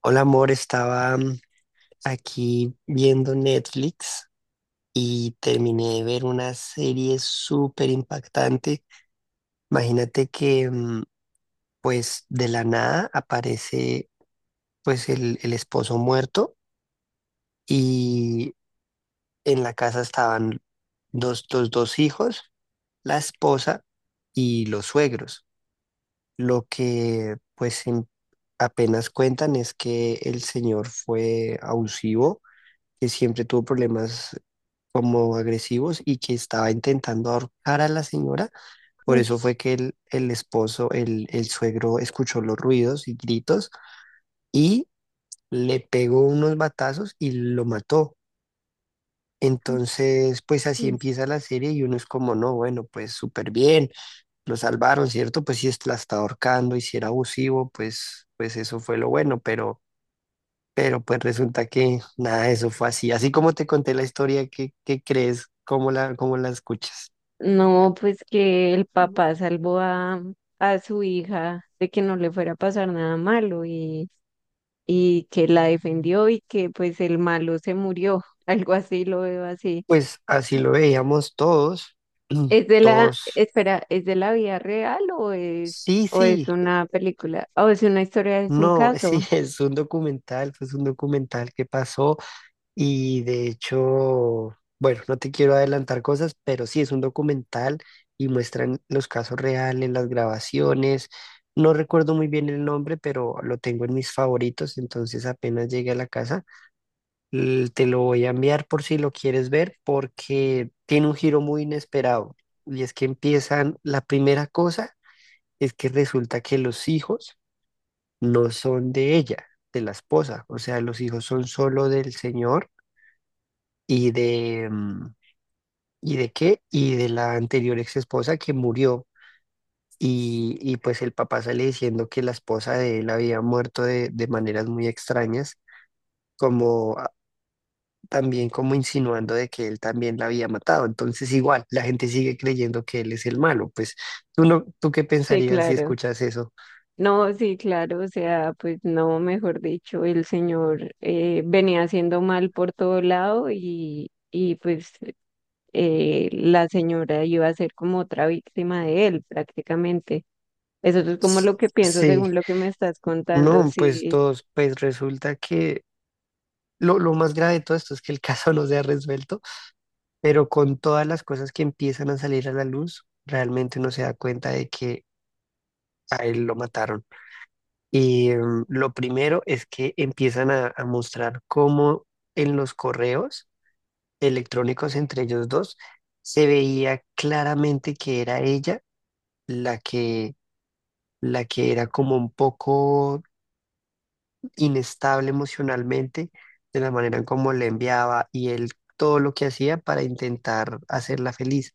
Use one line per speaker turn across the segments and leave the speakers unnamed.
Hola amor, estaba aquí viendo Netflix y terminé de ver una serie súper impactante. Imagínate que pues de la nada aparece pues el esposo muerto y en la casa estaban los dos hijos, la esposa y los suegros. Lo que pues apenas cuentan es que el señor fue abusivo, que siempre tuvo problemas como agresivos y que estaba intentando ahorcar a la señora. Por
Uy.
eso fue que el esposo, el suegro, escuchó los ruidos y gritos y le pegó unos batazos y lo mató. Entonces, pues así empieza la serie y uno es como, no, bueno, pues súper bien, lo salvaron, ¿cierto? Pues si la está ahorcando y si era abusivo, pues eso fue lo bueno. Pero pues resulta que nada de eso fue así. Así como te conté la historia, ¿qué crees? ¿Cómo la escuchas?
No, pues que el papá salvó a su hija de que no le fuera a pasar nada malo, y que la defendió y que pues el malo se murió, algo así lo veo así.
Pues así lo veíamos todos,
¿Es de la,
todos.
espera, es de la vida real,
Sí,
o es
sí,
una película, o es una historia, es un
no, sí,
caso?
es un documental, pues un documental que pasó y de hecho, bueno, no te quiero adelantar cosas, pero sí es un documental y muestran los casos reales, las grabaciones. No recuerdo muy bien el nombre, pero lo tengo en mis favoritos, entonces apenas llegué a la casa. Te lo voy a enviar por si lo quieres ver porque tiene un giro muy inesperado. Y es que empiezan, la primera cosa es que resulta que los hijos no son de ella, de la esposa. O sea, los hijos son solo del señor y de, ¿y de qué? Y de la anterior ex esposa que murió. Y pues el papá sale diciendo que la esposa de él había muerto de maneras muy extrañas, como también como insinuando de que él también la había matado. Entonces, igual, la gente sigue creyendo que él es el malo. Pues, ¿tú no, tú qué
Sí,
pensarías si
claro.
escuchas eso?
No, sí, claro, o sea, pues no, mejor dicho, el señor venía haciendo mal por todo lado, y pues la señora iba a ser como otra víctima de él prácticamente. Eso es como
S-
lo que pienso
Sí,
según lo que me estás contando.
no, pues
Sí.
todos, pues resulta que lo más grave de todo esto es que el caso no se ha resuelto, pero con todas las cosas que empiezan a salir a la luz, realmente uno se da cuenta de que a él lo mataron. Y lo primero es que empiezan a mostrar cómo en los correos electrónicos entre ellos dos, se veía claramente que era ella la que, la que era como un poco inestable emocionalmente de la manera en cómo le enviaba y él todo lo que hacía para intentar hacerla feliz,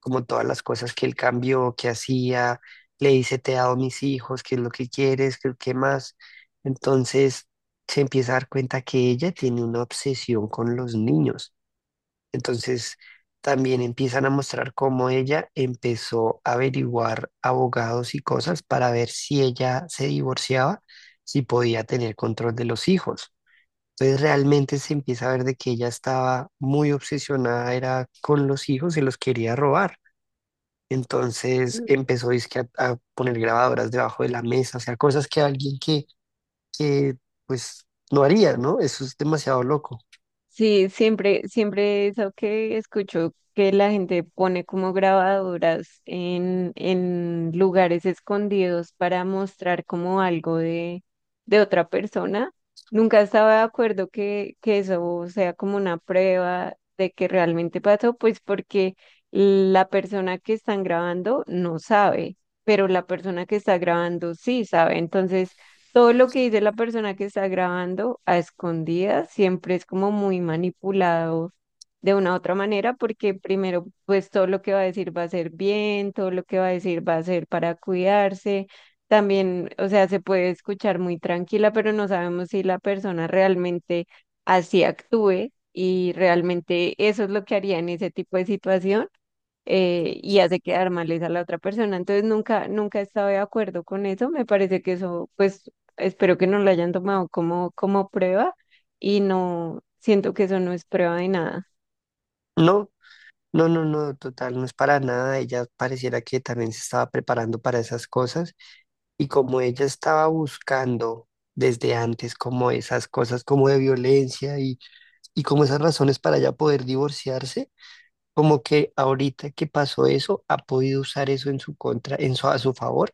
como todas las cosas que él cambió, que hacía, le dice te he dado mis hijos, qué es lo que quieres, qué más. Entonces se empieza a dar cuenta que ella tiene una obsesión con los niños. Entonces, también empiezan a mostrar cómo ella empezó a averiguar abogados y cosas para ver si ella se divorciaba, si podía tener control de los hijos. Entonces realmente se empieza a ver de que ella estaba muy obsesionada, era con los hijos, se los quería robar. Entonces empezó dizque, a poner grabadoras debajo de la mesa, o sea, cosas que alguien que pues no haría, ¿no? Eso es demasiado loco.
Sí, siempre, siempre eso que escucho que la gente pone como grabadoras en lugares escondidos para mostrar como algo de otra persona. Nunca estaba de acuerdo que eso sea como una prueba de que realmente pasó, pues porque la persona que están grabando no sabe, pero la persona que está grabando sí sabe. Entonces, todo lo que dice la persona que está grabando a escondidas siempre es como muy manipulado de una u otra manera, porque primero, pues todo lo que va a decir va a ser bien, todo lo que va a decir va a ser para cuidarse. También, o sea, se puede escuchar muy tranquila, pero no sabemos si la persona realmente así actúe y realmente eso es lo que haría en ese tipo de situación, y hace quedar mal es a la otra persona. Entonces nunca, nunca he estado de acuerdo con eso. Me parece que eso, pues, espero que no lo hayan tomado como, como prueba, y no siento que eso no es prueba de nada.
No, no, no, no, total, no es para nada. Ella pareciera que también se estaba preparando para esas cosas y como ella estaba buscando desde antes como esas cosas como de violencia y como esas razones para ya poder divorciarse, como que ahorita que pasó eso, ha podido usar eso en su contra, en su, a su favor,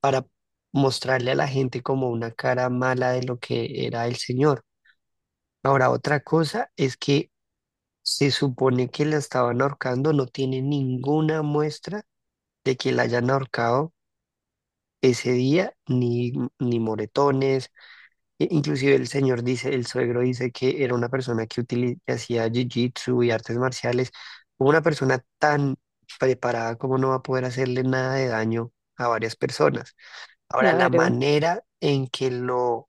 para mostrarle a la gente como una cara mala de lo que era el señor. Ahora, otra cosa es que se supone que la estaban ahorcando, no tiene ninguna muestra de que la hayan ahorcado ese día, ni moretones. Inclusive el señor dice, el suegro dice que era una persona que hacía jiu-jitsu y artes marciales. Una persona tan preparada como no va a poder hacerle nada de daño a varias personas. Ahora, la
Claro.
manera en que lo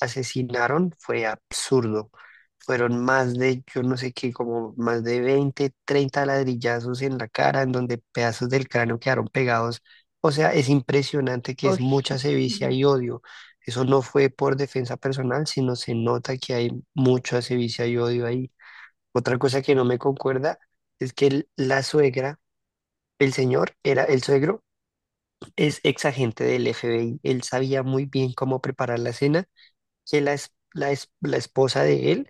asesinaron fue absurdo. Fueron más de, yo no sé qué, como más de 20 30 ladrillazos en la cara, en donde pedazos del cráneo quedaron pegados. O sea, es impresionante que es
Uy.
mucha sevicia y odio. Eso no fue por defensa personal, sino se nota que hay mucha sevicia y odio ahí. Otra cosa que no me concuerda es que la suegra, el señor, era el suegro, es ex agente del FBI. Él sabía muy bien cómo preparar la cena que la esposa de él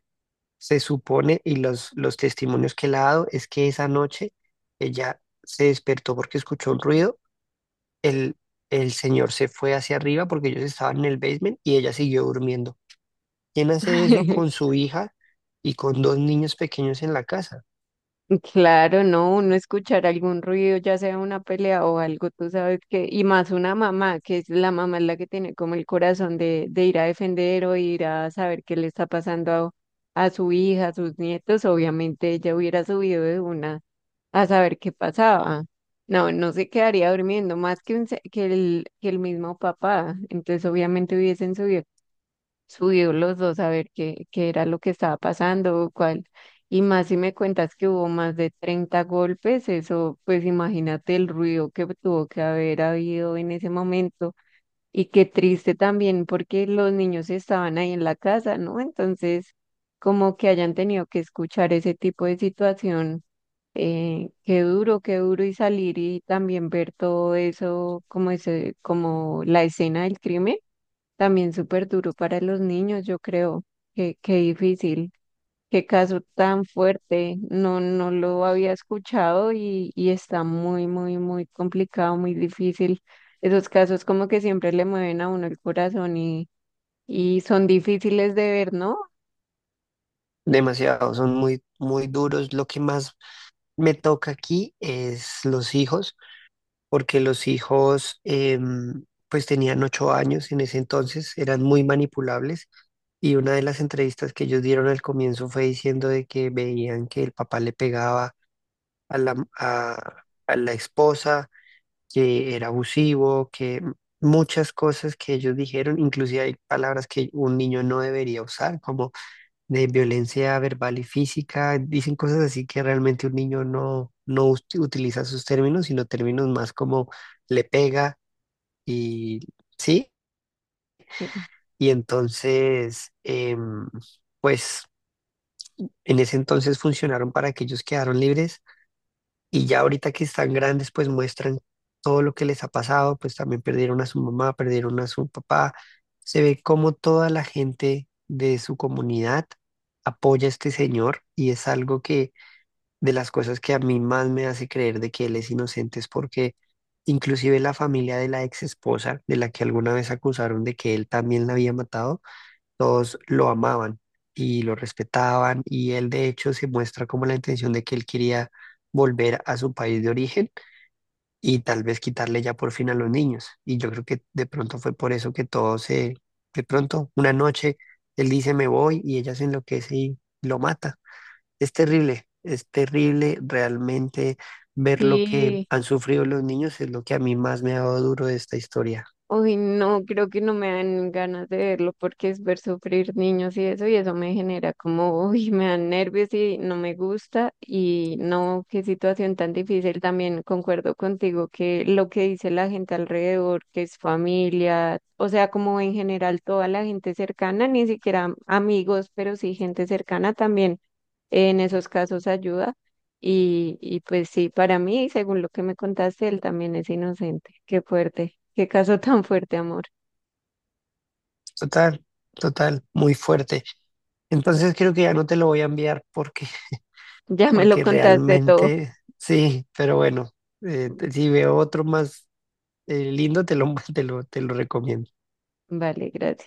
se supone, y los testimonios que le ha dado, es que esa noche ella se despertó porque escuchó un ruido, el, el señor se fue hacia arriba porque ellos estaban en el basement y ella siguió durmiendo. ¿Quién hace eso con su hija y con dos niños pequeños en la casa?
Claro, no, uno escuchar algún ruido, ya sea una pelea o algo, tú sabes que, y más una mamá, que es la mamá es la que tiene como el corazón de ir a defender o ir a saber qué le está pasando a su hija, a sus nietos, obviamente ella hubiera subido de una a saber qué pasaba. No, no se quedaría durmiendo más que, un se- que el mismo papá, entonces obviamente hubiesen subido, subió los dos a ver qué, qué era lo que estaba pasando, cuál. Y más si me cuentas que hubo más de 30 golpes, eso, pues imagínate el ruido que tuvo que haber habido en ese momento. Y qué triste también porque los niños estaban ahí en la casa, ¿no? Entonces, como que hayan tenido que escuchar ese tipo de situación, qué duro y salir y también ver todo eso, como ese, como la escena del crimen, también súper duro para los niños, yo creo. Qué, qué difícil, qué caso tan fuerte. No, no lo había escuchado, y está muy, muy, muy complicado, muy difícil. Esos casos como que siempre le mueven a uno el corazón, y son difíciles de ver, ¿no?
Demasiado, son muy, muy duros. Lo que más me toca aquí es los hijos porque los hijos pues tenían 8 años en ese entonces, eran muy manipulables y una de las entrevistas que ellos dieron al comienzo fue diciendo de que veían que el papá le pegaba a la esposa, que era abusivo, que muchas cosas que ellos dijeron, inclusive hay palabras que un niño no debería usar, como de violencia verbal y física, dicen cosas así que realmente un niño no, no utiliza sus términos, sino términos más como le pega y sí,
Sí.
y entonces, pues en ese entonces funcionaron para que ellos quedaron libres y ya ahorita que están grandes, pues muestran todo lo que les ha pasado, pues también perdieron a su mamá, perdieron a su papá, se ve como toda la gente de su comunidad apoya a este señor y es algo que de las cosas que a mí más me hace creer de que él es inocente es porque inclusive la familia de la ex esposa, de la que alguna vez acusaron de que él también la había matado, todos lo amaban y lo respetaban y él de hecho se muestra como la intención de que él quería volver a su país de origen y tal vez quitarle ya por fin a los niños. Y yo creo que de pronto fue por eso que todo se, de pronto, una noche, él dice me voy y ella se enloquece y lo mata. Es terrible realmente ver lo que
Sí.
han sufrido los niños, es lo que a mí más me ha dado duro de esta historia.
Uy, no, creo que no me dan ganas de verlo porque es ver sufrir niños y eso me genera como, uy, me dan nervios y no me gusta, y no, qué situación tan difícil. También concuerdo contigo que lo que dice la gente alrededor, que es familia, o sea, como en general toda la gente cercana, ni siquiera amigos, pero sí gente cercana también en esos casos ayuda. Y pues sí, para mí, según lo que me contaste, él también es inocente. Qué fuerte, qué caso tan fuerte, amor.
Total, total, muy fuerte. Entonces creo que ya no te lo voy a enviar porque,
Ya me lo
porque
contaste todo.
realmente sí, pero bueno, si veo otro más lindo, te lo, te lo recomiendo.
Vale, gracias.